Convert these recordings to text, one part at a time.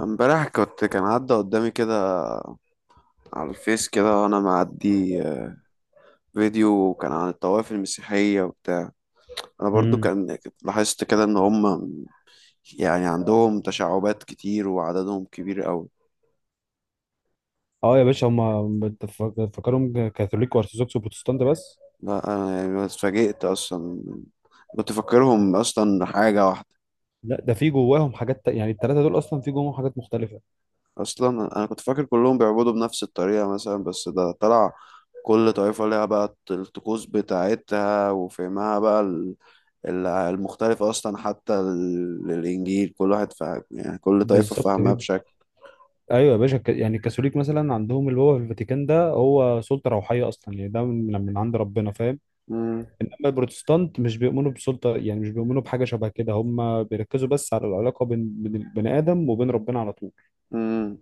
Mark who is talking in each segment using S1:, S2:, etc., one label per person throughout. S1: امبارح كان عدى قدامي كده على الفيس كده وانا معدي فيديو كان عن الطوائف المسيحية وبتاع. انا برضو
S2: امم
S1: كنت لاحظت كده ان هم يعني عندهم تشعبات كتير وعددهم كبير قوي.
S2: اه يا باشا هم فاكرهم كاثوليك وارثوذكس وبروتستانت بس.
S1: لا، انا يعني اتفاجئت اصلا. كنت فاكرهم اصلا حاجة واحدة.
S2: لا، ده في جواهم يعني الثلاثه دول اصلا في جواهم حاجات مختلفه.
S1: اصلا انا كنت فاكر كلهم بيعبدوا بنفس الطريقة مثلا، بس ده طلع كل طائفة ليها بقى الطقوس بتاعتها وفهمها بقى المختلفة أصلا. حتى الإنجيل كل واحد فاهم، يعني كل طائفة
S2: بالظبط
S1: فاهمها
S2: كده.
S1: بشكل.
S2: ايوه يا باشا، يعني الكاثوليك مثلا عندهم اللي هو في الفاتيكان، ده هو سلطه روحيه اصلا، يعني ده من عند ربنا، فاهم؟
S1: مم.
S2: انما البروتستانت مش بيؤمنوا بسلطه، يعني مش بيؤمنوا بحاجه شبه كده، هم بيركزوا بس على العلاقه بين البني ادم وبين ربنا على طول.
S1: مم.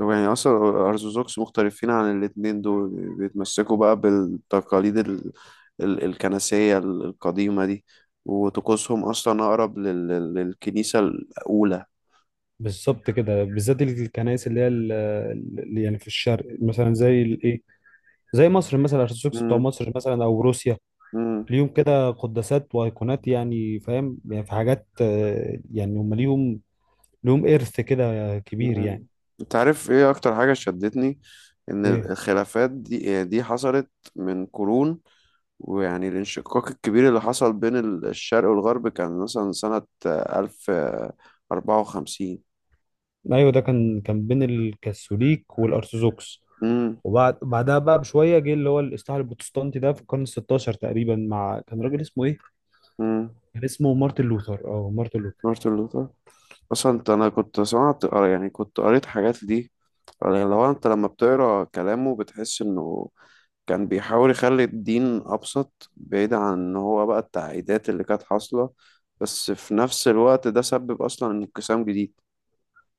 S1: طب يعني أصلا الأرثوذكس مختلفين عن الاتنين دول، بيتمسكوا بقى بالتقاليد الكنسية القديمة دي، وطقوسهم أصلا أقرب للكنيسة الأولى.
S2: بالظبط كده، بالذات الكنائس اللي هي يعني في الشرق، مثلا زي الايه، زي مصر مثلا، الارثوذكس بتوع
S1: مم.
S2: مصر مثلا او روسيا.
S1: مم.
S2: ليهم كده قداسات وايقونات، يعني فاهم، يعني في حاجات يعني هم ليهم، ليهم ارث كده كبير يعني.
S1: مم. أنت عارف إيه أكتر حاجة شدتني؟ إن
S2: ايه.
S1: الخلافات دي، يعني دي حصلت من قرون. ويعني الانشقاق الكبير اللي حصل بين الشرق والغرب كان مثلا سنة ألف أربعة وخمسين.
S2: ايوه، ده كان بين الكاثوليك والارثوذكس.
S1: امم
S2: وبعد بعدها بقى بشويه جه اللي هو الاصلاح البروتستانتي ده في القرن ال 16 تقريبا، مع كان راجل اسمه ايه؟
S1: امم
S2: كان اسمه مارتن لوثر، اه مارتن لوثر.
S1: مارتن لوثر. أصلا أنا كنت سمعت قر- يعني كنت قريت حاجات دي. لو أنت لما بتقرا كلامه بتحس إنه كان بيحاول يخلي الدين أبسط، بعيد عن إن هو بقى التعقيدات اللي كانت حاصلة. بس في نفس الوقت ده سبب أصلا انقسام جديد.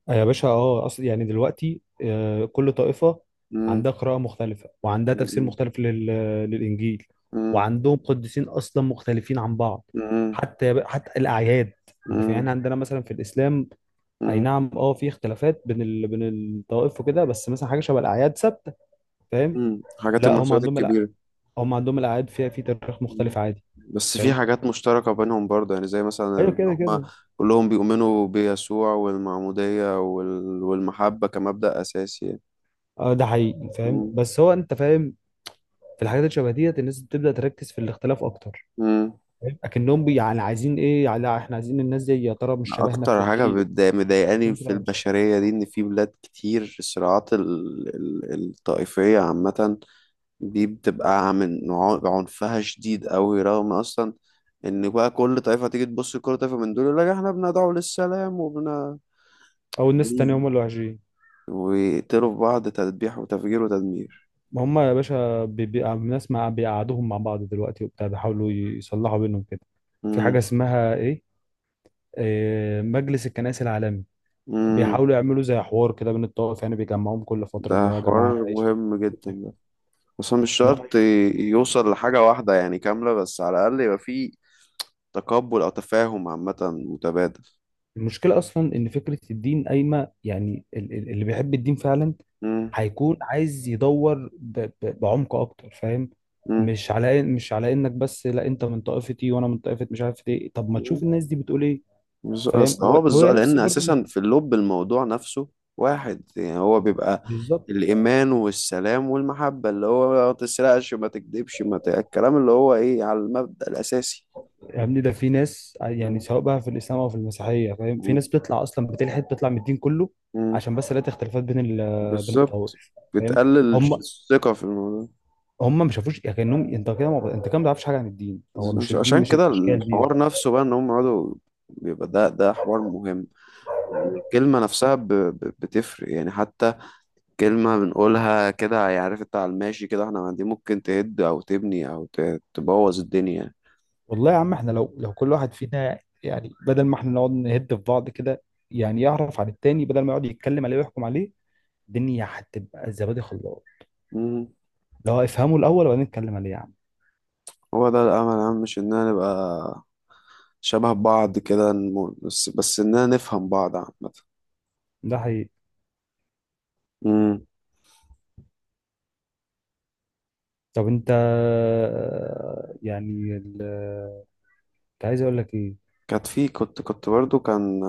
S2: يا باشا، اه اصل يعني دلوقتي كل طائفة
S1: مم.
S2: عندها قراءة مختلفة وعندها تفسير
S1: مم.
S2: مختلف للإنجيل،
S1: مم.
S2: وعندهم قديسين أصلا مختلفين عن بعض. حتى الأعياد، أنت فاهم؟ يعني
S1: مم.
S2: عندنا مثلا في الإسلام أي
S1: مم.
S2: نعم اه في اختلافات بين الطوائف وكده، بس مثلا حاجة شبه الأعياد ثابتة، فاهم.
S1: مم. حاجات،
S2: لا، هم
S1: المناسبات
S2: عندهم
S1: الكبيرة.
S2: هم عندهم الأعياد فيها في تاريخ
S1: مم.
S2: مختلف عادي.
S1: بس في
S2: فاهم.
S1: حاجات مشتركة بينهم برضه، يعني زي مثلا
S2: ايوه
S1: إن
S2: كده
S1: هما
S2: كده.
S1: كلهم بيؤمنوا بيسوع والمعمودية والمحبة كمبدأ أساسي يعني.
S2: اه ده حقيقي، فاهم،
S1: مم.
S2: بس هو انت فاهم، في الحاجات اللي شبه ديت الناس بتبدأ تركز في الاختلاف اكتر.
S1: مم.
S2: يعني عايزين ايه؟ يعني احنا عايزين الناس دي يا ترى مش شبهنا في
S1: أكتر حاجة
S2: وحشين؟
S1: مضايقاني
S2: شكلهم كده
S1: في
S2: وحش.
S1: البشرية دي إن في بلاد كتير الصراعات الطائفية عامة دي بتبقى من عنفها شديد أوي، رغم أصلا إن بقى كل طائفة تيجي تبص لكل طائفة من دول يقول لك إحنا بندعو للسلام وبن،
S2: او الناس التانية هم اللي وحشين.
S1: ويقتلوا في بعض تذبيح وتفجير وتدمير.
S2: ما هم يا باشا، الناس مع بيقعدوهم مع بعض دلوقتي وبتاع، بيحاولوا يصلحوا بينهم كده. في حاجة
S1: مم.
S2: اسمها ايه، إيه، مجلس الكنائس العالمي،
S1: مم.
S2: بيحاولوا يعملوا زي حوار كده بين الطوائف، يعني بيجمعوهم كل فترة اللي
S1: ده
S2: هو يا جماعة
S1: حوار
S2: عيش.
S1: مهم جدا ده. بس هو مش شرط يوصل لحاجة واحدة يعني كاملة، بس على الأقل يبقى فيه تقبل أو تفاهم عامة متبادل.
S2: المشكلة أصلا إن فكرة الدين قايمة، يعني اللي بيحب الدين فعلا
S1: مم.
S2: هيكون عايز يدور بعمق أكتر، فاهم.
S1: مم.
S2: مش على مش على إنك بس لا أنت من طائفتي وأنا من طائفة مش عارف إيه، طب ما
S1: مم.
S2: تشوف الناس دي بتقول إيه. فاهم.
S1: أصل هو
S2: هو
S1: بالظبط
S2: نفس
S1: لأن
S2: برضه.
S1: أساسا في اللب الموضوع نفسه واحد، يعني هو بيبقى
S2: بالظبط.
S1: الإيمان والسلام والمحبة اللي هو ما تسرقش ما تكذبش ما ت... الكلام اللي هو إيه على المبدأ الأساسي.
S2: يعني ده في ناس، يعني
S1: مم.
S2: سواء بقى في الإسلام أو في المسيحية، فاهم، في
S1: مم.
S2: ناس بتطلع أصلا بتلحد، بتطلع من الدين كله
S1: مم.
S2: عشان بس لقيت اختلافات بين
S1: بالظبط.
S2: الطوائف. فاهم.
S1: بتقلل
S2: هم
S1: الثقة في الموضوع.
S2: هم ما شافوش، يعني كانهم انت كده ما... انت كده ما تعرفش حاجه عن الدين، هو مش الدين
S1: عشان
S2: مش
S1: كده
S2: الاشكال دي.
S1: الحوار نفسه بقى ان هم يقعدوا، بيبقى ده حوار مهم. الكلمة نفسها بتفرق يعني. حتى كلمة بنقولها كده، يعني عارف انت على الماشي كده، احنا دي ممكن تهد او تبني او تبوظ الدنيا.
S2: والله يا عم، احنا لو كل واحد فينا، يعني بدل ما احنا نقعد نهد في بعض كده، يعني يعرف عن التاني بدل ما يقعد يتكلم عليه ويحكم عليه، الدنيا هتبقى زبادي خلاص.
S1: مم.
S2: لو افهمه الاول وبعدين نتكلم عليه يا عم.
S1: هو ده الامل يا عم، مش اننا نبقى شبه بعض كده، بس اننا نفهم بعض عامة.
S2: ده حقيقي.
S1: مم.
S2: طب انت، يعني ال... كنت عايز اقول لك ايه.
S1: كانت في كنت كنت برضو كان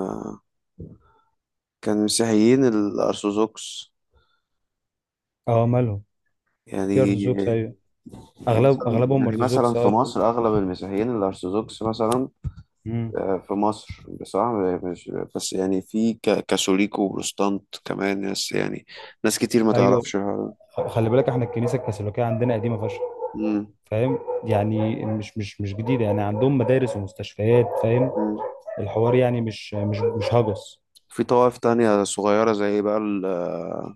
S1: كان مسيحيين الأرثوذكس
S2: اه مالهم. في ارثوذكس
S1: يعني.
S2: ايوه. اغلب اغلبهم
S1: مثلا
S2: ارثوذكس،
S1: في
S2: اه.
S1: مصر اغلب المسيحيين الارثوذكس مثلا،
S2: امم.
S1: في مصر بصراحه مش، بس يعني في كاثوليك وبروتستانت كمان ناس، يعني ناس كتير ما
S2: ايوه،
S1: تعرفش الحوار ده.
S2: خلي بالك احنا الكنيسه الكاثوليكيه عندنا قديمه فشخ،
S1: مم.
S2: فاهم، يعني مش جديده، يعني عندهم مدارس ومستشفيات، فاهم.
S1: مم.
S2: الحوار يعني مش هجس.
S1: في طوائف تانية صغيرة زي بقى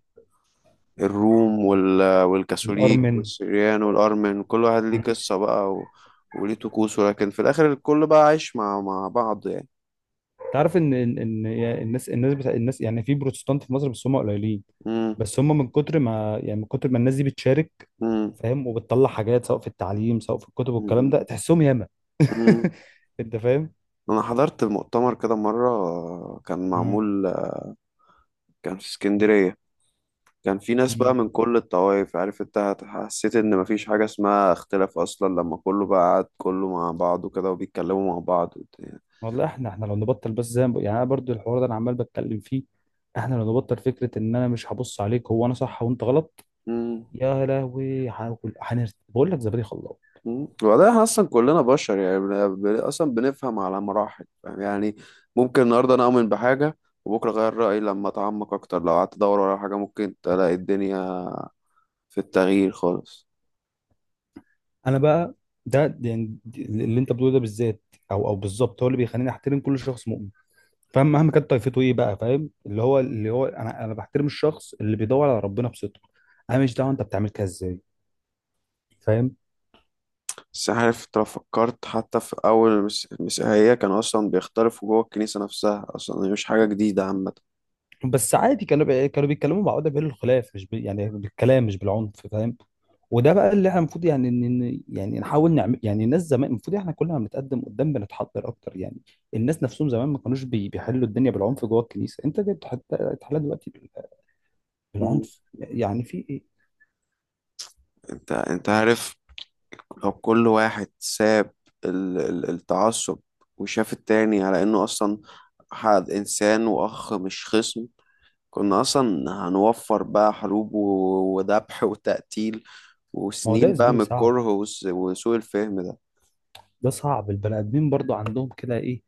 S1: الروم والكاثوليك
S2: الارمن.
S1: والسريان والأرمن، كل واحد ليه
S2: مم.
S1: قصة بقى و... وليه طقوسه، لكن في الآخر الكل بقى عايش مع بعض يعني.
S2: تعرف ان إن الناس، الناس بتاع الناس يعني في بروتستانت في مصر بس هم قليلين،
S1: مم.
S2: بس هم من كتر ما، يعني من كتر ما الناس دي بتشارك،
S1: مم.
S2: فاهم، وبتطلع حاجات سواء في التعليم سواء في الكتب والكلام
S1: مم.
S2: ده، تحسهم ياما.
S1: مم.
S2: انت فاهم.
S1: انا حضرت مؤتمر كده مره كان معمول، كان في اسكندريه. كان في ناس بقى
S2: مم.
S1: من كل الطوائف، عارف انت، حسيت ان مفيش حاجه اسمها اختلاف اصلا لما كله بقى قعد كله مع بعضه كده وبيتكلموا مع بعض وبتاع.
S2: والله احنا، احنا لو نبطل بس زي ما بق- يعني انا برضو الحوار ده انا عمال بتكلم فيه. احنا لو نبطل فكره ان انا مش هبص عليك، هو انا صح وانت غلط.
S1: مم.
S2: يا لهوي هاكل هنرت، بقول لك زبادي خلاص.
S1: مم. وبعدين احنا اصلا كلنا بشر يعني، اصلا بنفهم على مراحل، فاهم؟ يعني ممكن النهارده انا اؤمن بحاجه وبكره اغير رايي لما اتعمق اكتر. لو قعدت ادور ورا حاجه ممكن تلاقي الدنيا في التغيير خالص.
S2: انا بقى، يعني اللي انت بتقوله ده بالذات، او بالظبط هو اللي بيخليني احترم كل شخص مؤمن، فاهم، مهما كانت طائفته ايه بقى، فاهم، اللي هو انا بحترم الشخص اللي بيدور على ربنا بصدق. انا مش دعوه انت بتعمل كده ازاي. فاهم.
S1: بس عارف انت لو فكرت حتى في أول المسيحية كانوا أصلا بيختلفوا جوه الكنيسة نفسها، أصلا هي مش حاجة جديدة عامة.
S2: بس عادي، كانوا كانوا بيتكلموا مع بعض بالخلاف، مش يعني بالكلام مش بالعنف، فاهم. وده بقى اللي احنا المفروض، يعني يعني نحاول نعمل، يعني الناس زمان المفروض، احنا كل ما بنتقدم قدام بنتحضر اكتر يعني. الناس نفسهم زمان ما كانوش بيحلوا الدنيا بالعنف جوه الكنيسه، انت ليه بتحلها دلوقتي
S1: مم.
S2: بالعنف؟ يعني في ايه.
S1: انت عارف، لو كل واحد ساب التعصب، وشاف التاني على انه اصلا حد انسان واخ مش خصم، كنا اصلا هنوفر بقى حروب وذبح وتقتيل
S2: ما هو ده يا
S1: وسنين بقى
S2: زميلي
S1: من
S2: صعب،
S1: الكره وسوء الفهم ده.
S2: ده صعب. البني ادمين برضو عندهم كده ايه،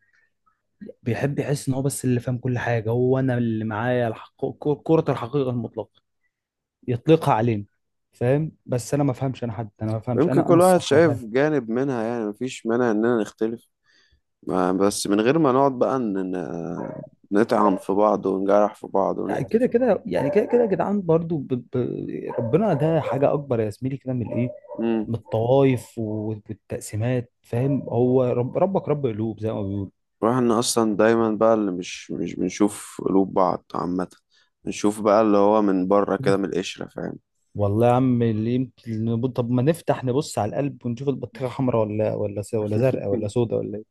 S2: بيحب يحس ان هو بس اللي فاهم كل حاجه، هو انا اللي معايا كرة الحقيقه المطلقه يطلقها علينا، فاهم. بس انا ما فهمش انا حد، انا ما فهمش،
S1: يمكن
S2: انا انا
S1: كل واحد
S2: الصح انا فاهم.
S1: شايف جانب منها، يعني مفيش مانع اننا نختلف، بس من غير ما نقعد بقى نطعن في بعض ونجرح في بعض
S2: يعني
S1: ونقتل
S2: كده
S1: في بعض.
S2: كده، يعني كده كده يا جدعان برضو ب... ربنا ده حاجه اكبر يا زميلي كده من الايه،
S1: امم
S2: من الطوائف والتقسيمات، فاهم. هو ربك رب قلوب زي ما بيقولوا.
S1: واحنا اصلا دايما بقى اللي مش بنشوف قلوب بعض عامة، بنشوف بقى اللي هو من بره كده من القشرة، فاهم؟
S2: والله يا عم، اللي طب ما نفتح نبص على القلب ونشوف البطيخه حمراء ولا ولا زرقاء ولا سوداء ولا ايه.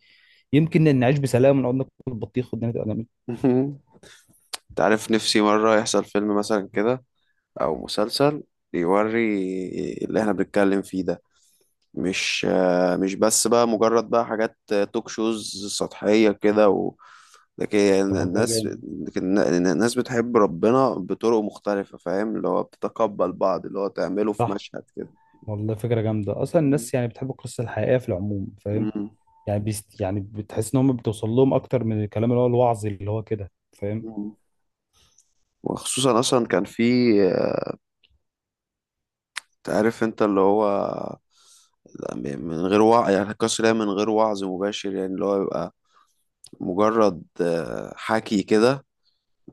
S2: يمكن نعيش بسلام ونقعد ناكل بطيخ والدنيا تبقى جميله.
S1: انت عارف، نفسي مرة يحصل فيلم مثلا كده او مسلسل يوري اللي احنا بنتكلم فيه ده، مش بس بقى مجرد بقى حاجات توك شوز سطحية كده. لكن يعني
S2: طب والله
S1: الناس،
S2: جامد.
S1: لكن الناس بتحب ربنا بطرق مختلفة، فاهم؟ اللي هو بتتقبل بعض، اللي هو تعمله في
S2: صح.
S1: مشهد كده.
S2: والله فكرة جامدة أصلا،
S1: مم.
S2: الناس يعني بتحب القصة الحقيقية في العموم، فاهم.
S1: مم.
S2: يعني بيست يعني بتحس إن هم بتوصل لهم أكتر من الكلام اللي هو الوعظي، اللي هو كده فاهم.
S1: مم. وخصوصا اصلا كان في، تعرف انت اللي هو، من غير وعي يعني القصر ده من غير وعظ مباشر، يعني اللي هو يبقى مجرد حكي كده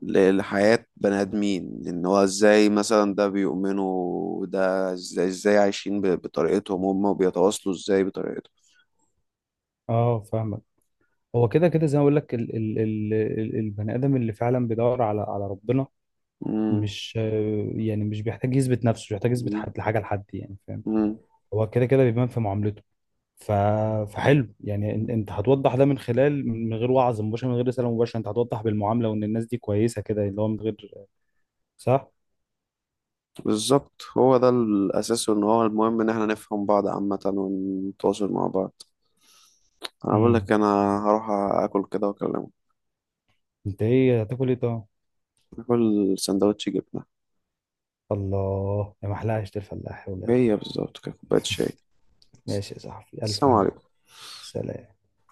S1: لحياة بني آدمين إن هو إزاي مثلا ده بيؤمنوا، وده إزاي عايشين بطريقتهم هم وبيتواصلوا إزاي بطريقتهم.
S2: أه فاهمك. هو كده كده زي ما أقول لك، البني آدم اللي فعلا بيدور على ربنا، مش آه، يعني مش بيحتاج يثبت نفسه، مش بيحتاج يثبت
S1: مم.
S2: حد حاجة لحد، يعني فاهم.
S1: مم.
S2: هو كده كده بيبان في معاملته. ف... فحلو يعني، انت هتوضح ده من خلال، من غير وعظ مباشر، من غير رسالة مباشرة، انت هتوضح بالمعاملة، وان الناس دي كويسة كده، اللي هو من غير، صح؟
S1: بالظبط، هو ده الأساس، وإن هو المهم إن إحنا نفهم بعض عامة ونتواصل مع بعض. أنا بقول
S2: امم.
S1: لك أنا هروح آكل كده وأكلمك.
S2: انت ايه هتاكل ايه طبعا.
S1: آكل سندوتش جبنة،
S2: الله يا محلها عيش الفلاح ولا.
S1: هي بالظبط كده، كوباية شاي.
S2: ماشي يا صاحبي، الف
S1: السلام
S2: هنا.
S1: عليكم.
S2: سلام.